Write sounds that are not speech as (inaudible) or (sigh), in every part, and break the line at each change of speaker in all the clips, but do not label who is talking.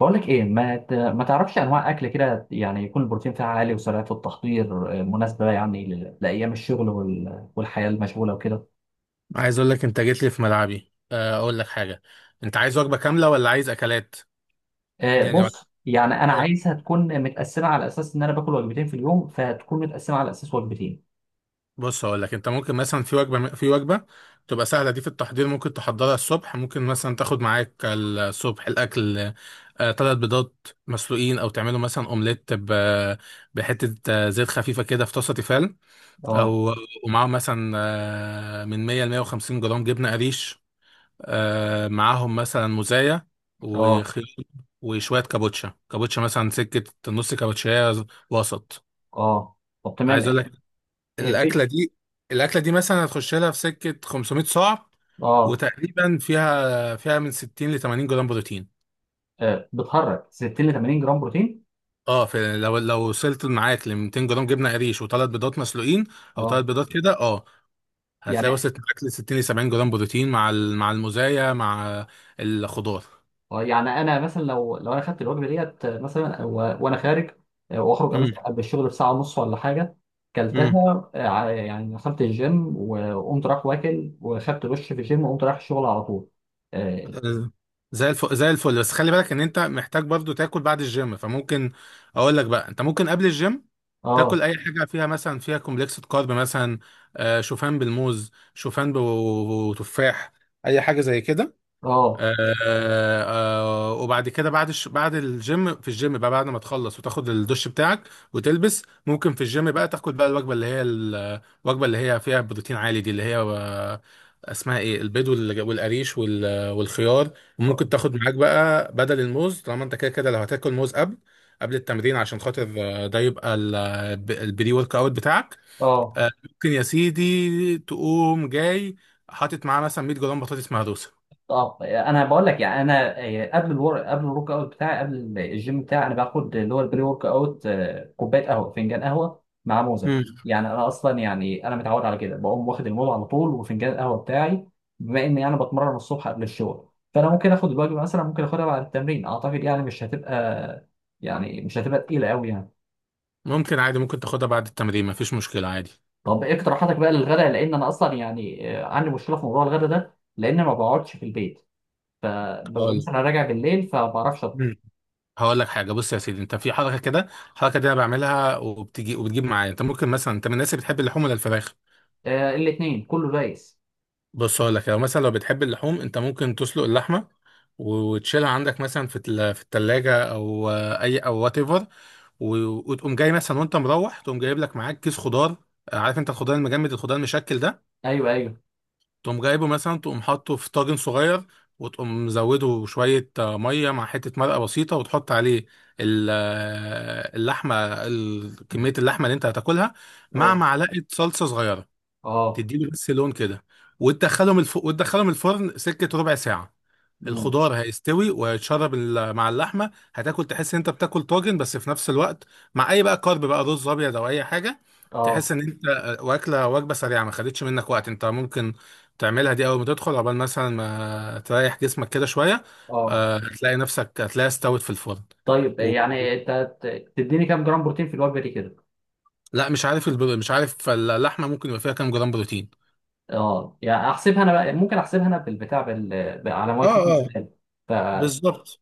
بقول لك ايه، ما تعرفش انواع اكل كده يعني يكون البروتين فيها عالي وسرعه التحضير مناسبه يعني لايام الشغل والحياه المشغوله وكده.
عايز اقول لك انت جيت لي في ملعبي، اقول لك حاجه. انت عايز وجبه كامله ولا عايز اكلات؟ يعني ولا-
بص يعني انا
أقول-
عايزها تكون متقسمه على اساس ان انا باكل وجبتين في اليوم، فهتكون متقسمه على اساس وجبتين.
بص اقول لك، انت ممكن مثلا في وجبه تبقى سهله، دي في التحضير ممكن تحضرها الصبح، ممكن مثلا تاخد معاك الصبح الاكل ثلاث بيضات مسلوقين، او تعملوا مثلا اومليت بحته، زيت خفيفه كده في طاسه تيفال،
اه.
او ومعاهم مثلا من 100 ل 150 جرام جبنه قريش، معاهم مثلا مزايا
اه.
وخيار وشوية كابوتشا كابوتشا مثلا سكة نص كابوتشاية وسط
اه. طب تمام.
عايز اقول لك
إيه
الأكلة
بي-
دي الأكلة دي مثلا هتخش لها في سكة 500 صاع
اه.
وتقريبا فيها فيها من 60 ل 80 جرام بروتين
بتهرج 60 ل 80 جرام بروتين.
اه في لو لو وصلت معاك ل 200 جرام جبنة قريش وثلاث بيضات مسلوقين او ثلاث
اه،
بيضات كده اه هتلاقي
يعني
وصلت معاك ل 60 ل 70 جرام بروتين مع ال- مع المزايا، مع الخضار.
يعني انا مثلا لو انا خدت الوجبه ديت، مثلا وانا خارج، واخرج مثلا قبل الشغل بساعه ونص ولا حاجه،
امم،
كلتها، يعني دخلت الجيم وقمت رايح واكل وخدت دش في الجيم وقمت رايح الشغل على طول.
آه، زي الفل زي الفل، بس خلي بالك ان انت محتاج برضو تاكل بعد الجيم، فممكن اقول لك بقى انت ممكن قبل الجيم
اه.
تاكل اي حاجه فيها مثلا فيها كومبلكس كارب، مثلا شوفان بالموز، شوفان وتفاح، اي حاجه زي كده.
اه.
وبعد كده بعد بعد الجيم، في الجيم بقى بعد ما تخلص وتاخد الدش بتاعك وتلبس، ممكن في الجيم بقى تاخد بقى الوجبه اللي هي الوجبه اللي هي فيها بروتين عالي دي، اللي هي اسمها ايه، البيض والقريش والخيار.
اه.
وممكن تاخد معاك بقى بدل الموز، طالما انت كده كده لو هتاكل موز قبل قبل التمرين عشان خاطر آه، ده يبقى البري ورك اوت بتاعك.
آه.
ممكن يا سيدي تقوم جاي حاطط معاه مثلا 100 جرام بطاطس مهروسه.
اه، انا بقول لك يعني انا قبل الورك اوت بتاعي، قبل الجيم بتاعي، انا باخد اللي هو البري ورك اوت، كوبايه قهوه، فنجان قهوه مع موزه. يعني انا اصلا، يعني انا متعود على كده، بقوم واخد الموز على طول وفنجان القهوه بتاعي. بما اني انا بتمرن الصبح قبل الشغل، فانا ممكن اخد الوجبه مثلا، ممكن اخدها بعد التمرين، اعتقد يعني مش هتبقى، يعني مش هتبقى تقيله قوي يعني.
ممكن عادي، ممكن تاخدها بعد التمرين مفيش مشكلة عادي.
طب ايه اقتراحاتك بقى للغداء؟ لان انا اصلا يعني عندي مشكله في موضوع الغداء ده، لان ما بقعدش في البيت، فببقى
هقول
مثلا راجع بالليل، فما بعرفش.
مم. هقول لك حاجة. بص يا سيدي، انت في حركة كده، الحركة دي انا بعملها وبتجي وبتجيب معايا. انت ممكن مثلا، انت من الناس اللي بتحب اللحوم ولا الفراخ؟
آه، الاثنين كله دايس.
بص هقول لك، لو مثلا لو بتحب اللحوم، انت ممكن تسلق اللحمة وتشيلها عندك مثلا في في التلاجة او اي او وات ايفر، وتقوم جاي مثلا وانت مروح تقوم جايب لك معاك كيس خضار، عارف انت الخضار المجمد، الخضار المشكل ده،
ايوه ايوه.
تقوم جايبه مثلا تقوم حاطه في طاجن صغير، وتقوم مزوده شوية مية مع حتة مرقة بسيطة، وتحط عليه اللحمة، كمية اللحمة اللي انت هتاكلها، مع
اه
معلقة صلصة صغيرة
اه.
تديله بس لون كده، وتدخلهم وتدخلهم الفرن سكة ربع ساعة.
امم.
الخضار هيستوي ويتشرب مع اللحمه، هتاكل تحس ان انت بتاكل طاجن، بس في نفس الوقت مع اي بقى كارب بقى، رز ابيض او اي حاجه. تحس
اه.
ان انت واكله وجبه سريعه ما خدتش منك وقت. انت ممكن تعملها دي اول ما تدخل، عقبال مثلا ما تريح جسمك كده شويه،
اه.
هتلاقي نفسك هتلاقيها استوت في الفرن.
طيب،
و...
يعني انت تديني كام جرام بروتين في الوجبه دي كده؟
لا مش عارف مش عارف اللحمه ممكن يبقى فيها كام جرام بروتين.
اه، يعني احسبها انا بقى، ممكن احسبها انا على ماي
اه،
فيتنس
اه،
بال. ف.
بالظبط.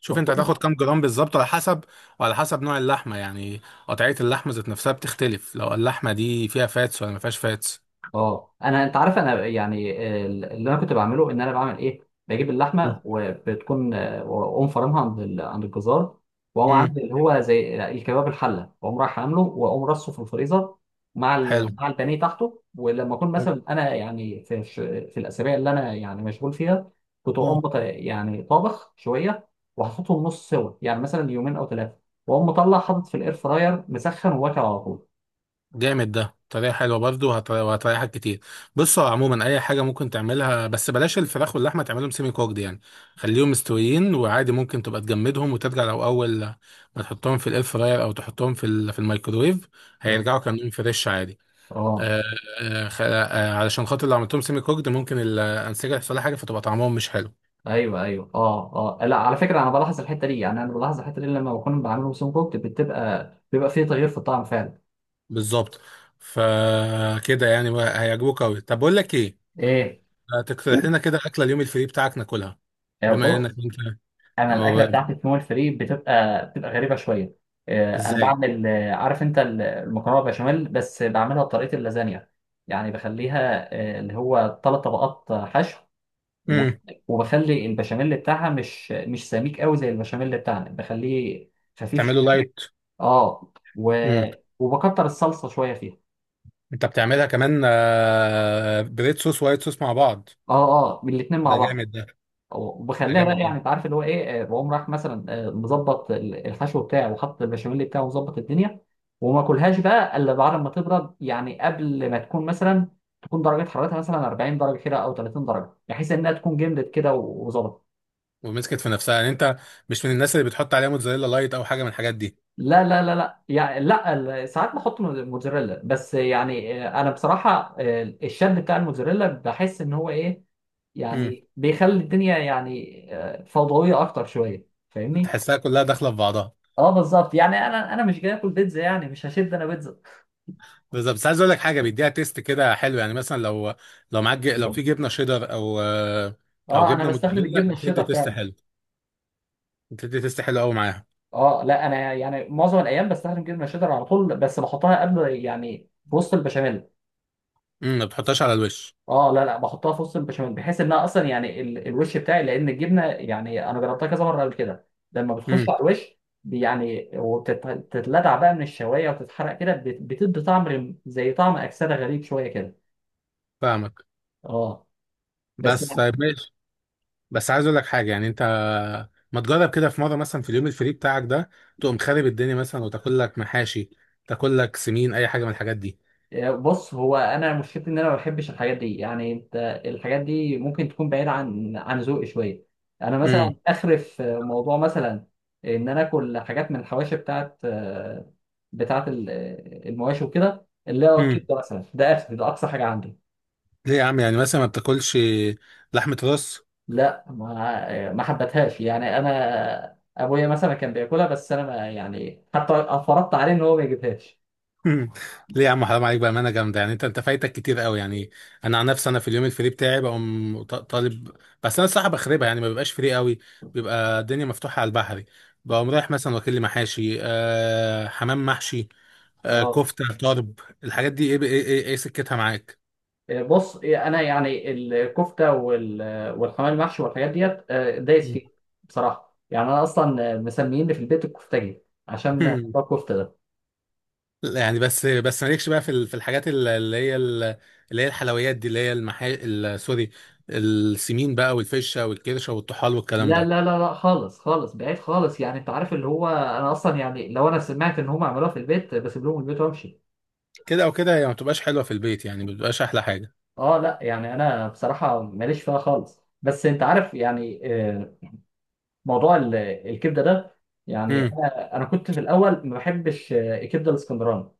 شوف
طب
انت
كويس.
هتاخد كام جرام بالظبط على حسب، وعلى حسب نوع اللحمه يعني. قطعيه اللحمه ذات نفسها بتختلف، لو اللحمه دي فيها فاتس ولا ما فيهاش فاتس.
اه، انا، انت عارف، انا يعني اللي انا كنت بعمله ان انا بعمل ايه؟ بجيب
مم.
اللحمه وبتكون واقوم فرمها عند عند الجزار، واقوم
امم.
عامل اللي هو زي الكباب الحله، واقوم رايح عامله، واقوم رصه في الفريزر مع
حلو.
مع البانيه تحته. ولما اكون
حلو.
مثلا انا، يعني في في الاسابيع اللي انا يعني مشغول فيها، كنت اقوم
آه.
يعني طابخ شويه وحاططهم نص سوا، يعني مثلا يومين او ثلاثه، واقوم مطلع حاطط في الاير فراير مسخن وواكل على طول.
جامد ده، طريقة حلوة برضه، وهتريحك كتير. بص هو عموما أي حاجة ممكن تعملها، بس بلاش الفراخ واللحمة تعملهم سيمي كوكد يعني. خليهم مستويين وعادي ممكن تبقى تجمدهم وترجع، لو أول ما تحطهم في الإير فراير أو تحطهم في في الميكرويف
اه.
هيرجعوا كأنهم فريش عادي.
اه.
آه، علشان خاطر لو عملتهم سيمي كوكد ممكن الانسجه يحصل لها حاجه، فتبقى طعمهم مش حلو.
ايوه ايوه، اه اه. لا، على فكره انا بلاحظ الحته دي، يعني انا بلاحظ الحته دي لما بكون بعمله سون كوكت، بتبقى، بيبقى فيه تغيير في الطعم فعلا.
بالظبط، فكده يعني بقى هيعجبوك قوي. طب بقول لك ايه،
ايه؟
تقترح لنا كده اكله اليوم الفري بتاعك ناكلها، بما انك
بص،
انت.
انا
أما
الاكله
ب-
بتاعتي في مول فري بتبقى، بتبقى غريبه شويه. انا
ازاي؟
بعمل، عارف انت المكرونه بشاميل؟ بس بعملها بطريقه اللازانيا، يعني بخليها اللي هو ثلاث طبقات، حشو و-
امم.
وبخلي البشاميل بتاعها مش سميك قوي زي البشاميل بتاعنا، بخليه خفيف
تعمله لايت.
اه
امم.
وبكتر الصلصه شويه فيها.
انت بتعملها كمان بريد صوص وايت صوص مع بعض؟
اه. اه، الاثنين مع
ده جامد
بعض.
ده. ده
وبخليها
جامد
بقى،
ده.
يعني انت عارف اللي هو ايه، بقوم رايح مثلا مظبط الحشو بتاعي وحاطط البشاميل بتاعه ومظبط الدنيا. وما اكلهاش بقى الا بعد ما تبرد، يعني قبل ما تكون مثلا، تكون درجه حرارتها مثلا 40 درجه كده او 30 درجه، بحيث انها تكون جمدت كده وظبطت.
ومسكت في نفسها يعني. انت مش من الناس اللي بتحط عليها موتزاريلا لايت او حاجه من الحاجات دي؟
لا لا لا لا، يعني لا، ساعات بحط موتزاريلا، بس يعني انا بصراحه الشد بتاع الموتزاريلا بحس ان هو ايه،
امم.
يعني بيخلي الدنيا يعني فوضويه اكتر شويه، فاهمني.
تحسها كلها داخله في بعضها.
اه بالظبط، يعني انا مش جاي اكل بيتزا، يعني مش هشد انا بيتزا.
بالظبط. بس عايز اقول لك حاجه، بيديها تيست كده حلو، يعني مثلا لو لو معاك لو في جبنه شيدر او او
اه، انا
جبنه
بستخدم
موتزاريلا
الجبنه
بتدي
الشيدر
تيست
فعلا.
حلو، بتدي تيست حلو قوي معاها.
اه لا، انا يعني معظم الايام بستخدم جبنه الشيدر على طول، بس بحطها قبل يعني في وسط البشاميل.
امم. ما بتحطهاش على الوش؟
اه لا لا، بحطها في وسط البشاميل، بحيث انها اصلا يعني الوش بتاعي، لان الجبنه، يعني انا جربتها كذا مره قبل كده، لما بتخش
امم.
على الوش يعني وتتلدع بقى من الشوايه وتتحرق كده، بتدي طعم زي طعم اكسده غريب شويه كده.
فاهمك.
اه. بس.
بس طيب ماشي. بس عايز اقول لك حاجه، يعني انت ما تجرب كده في مره مثلا في اليوم الفري بتاعك ده، تقوم خارب الدنيا مثلا وتاكل لك محاشي، تاكل لك سمين، اي حاجه من الحاجات دي.
بص، هو انا مشكلتي ان انا ما بحبش الحاجات دي، يعني انت الحاجات دي ممكن تكون بعيده عن عن ذوقي شويه. انا
امم.
مثلا اخر في موضوع مثلا ان انا اكل حاجات من الحواشي بتاعت، بتاعت المواشي وكده، اللي هو
امم.
الكبده مثلا، ده اخر، ده اقصى حاجه عندي.
ليه يا عم، يعني مثلا ما بتاكلش لحمه راس؟
لا، ما حبتهاش، يعني انا ابويا مثلا كان بياكلها، بس انا ما يعني، حتى فرضت عليه ان هو ما يجيبهاش.
مم. ليه يا عم، حرام عليك، بامانه جامده، يعني انت انت فايتك كتير قوي يعني انا عن نفسي انا في اليوم الفري بتاعي بقوم ط- طالب بس انا الصراحه بخربها يعني ما بيبقاش فري قوي، بيبقى الدنيا مفتوحه على البحري. بقوم رايح مثلا واكل لي محاشي، آه حمام محشي، آه
اه،
كفته طرب، الحاجات دي، إيه سكتها معاك؟
بص، انا يعني الكفته والحمام المحشي والحاجات ديت دايس
مم.
فيه بصراحه، يعني انا اصلا مسميني في البيت الكفتاجي عشان بتاع
(laughs)
الكفته ده.
لا يعني، بس بس مالكش بقى في ال- في الحاجات اللي هي اللي هي الحلويات دي، اللي هي سوري، السمين بقى والفشه والكرشه والطحال والكلام
لا
ده؟
لا لا لا، خالص خالص، بعيد خالص، يعني انت عارف اللي هو انا اصلا يعني لو انا سمعت ان هم عملوها في البيت بسيب لهم البيت وامشي.
كده او كده هي ما بتبقاش حلوه في البيت يعني، ما بتبقاش احلى حاجه.
اه لا، يعني انا بصراحه ماليش فيها خالص، بس انت عارف يعني آه، موضوع ال- الكبده ده، يعني
امم.
انا كنت في الاول ما بحبش الكبده الاسكندراني،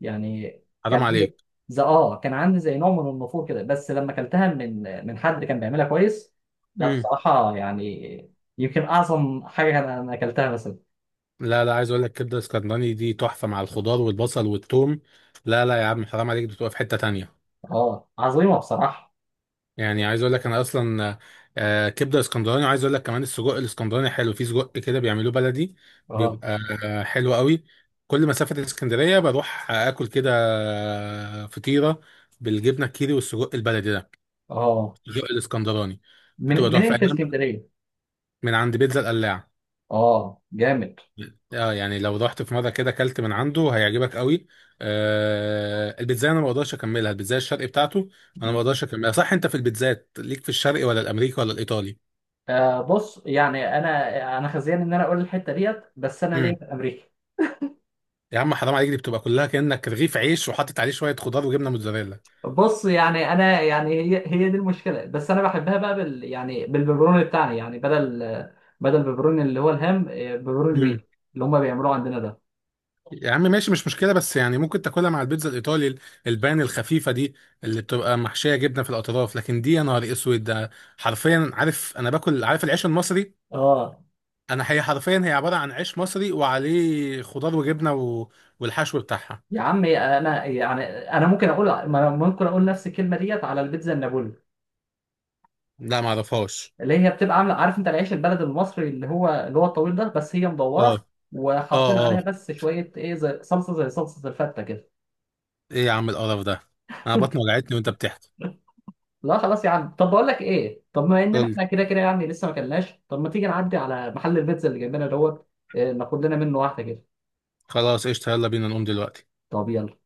يعني
حرام
كان عندي
عليك.
زي اه، كان عندي زي نوع من النفور كده، بس لما اكلتها من من حد كان بيعملها كويس، لا
امم.
بصراحة يعني يمكن أعظم حاجة أنا أكلتها مثلا.
لا لا، عايز اقول لك كبده اسكندراني دي تحفه مع الخضار والبصل والثوم. لا لا يا عم، حرام عليك، بتبقى في حته تانية.
اه، عظيمة بصراحة.
يعني عايز اقول لك انا اصلا كبده اسكندراني، وعايز اقول لك كمان السجق الاسكندراني حلو. في سجق كده بيعملوه بلدي،
اه
بيبقى حلو قوي. كل مسافه اسكندريه بروح اكل كده فطيره بالجبنه الكيري والسجق البلدي ده،
اه.
السجق الاسكندراني،
من
بتبقى تحفه.
منين في
أنا
اسكندرية؟
من عند بيتزا القلاع.
اه، جامد.
اه يعني لو رحت في مره كده اكلت من عنده هيعجبك قوي. آه، البيتزا انا ما بقدرش اكملها، البيتزا الشرقي بتاعته انا ما
مم.
بقدرش اكملها. صح انت في البيتزات ليك في الشرقي ولا الامريكي ولا الايطالي؟
آه بص، يعني أنا خزيان إن أنا أقول الحتة ديت، بس أنا ليه
امم.
في أمريكا.
يا عم حرام عليك، دي بتبقى كلها كانك رغيف عيش وحاطط عليه شويه خضار وجبنه موتزاريلا.
بص يعني انا يعني هي دي المشكله، بس انا بحبها بقى بال، يعني بالبيبروني بتاعنا، يعني بدل بدل البيبروني اللي هو الهام، بيبروني
امم.
بيتو اللي هم بيعملوه عندنا ده.
يا عم ماشي مش مشكله، بس يعني ممكن تاكلها مع البيتزا الايطالي، البان الخفيفه دي اللي بتبقى محشيه جبنه في الاطراف، لكن دي يا نهار اسود ده. حرفيا، عارف انا باكل، عارف العيش المصري،
اه،
انا هي حرفيا هي عباره عن عيش مصري وعليه خضار وجبنه والحشو بتاعها.
يا عم انا يعني، انا ممكن اقول ما أنا ممكن اقول نفس الكلمه ديت على البيتزا النابولي،
لا ما اعرفهاش.
اللي هي بتبقى عامله، عارف انت العيش البلد المصري اللي هو، الطويل ده، بس هي
اه،
مدوره
اه،
وحاطين عليها
اه.
بس شويه ايه، زي صلصه، زي صلصه الفته كده.
ايه يا عم القرف ده، انا بطني وجعتني وانت بتحكي.
لا خلاص يا عم، طب بقول لك ايه، طب ما ان
قول لي.
احنا كده كده يعني لسه ما كلناش، طب ما تيجي نعدي على محل البيتزا اللي جنبنا دوت، ناخد لنا منه واحده كده.
خلاص قشطه، يلا بينا نقوم دلوقتي.
طب يلا.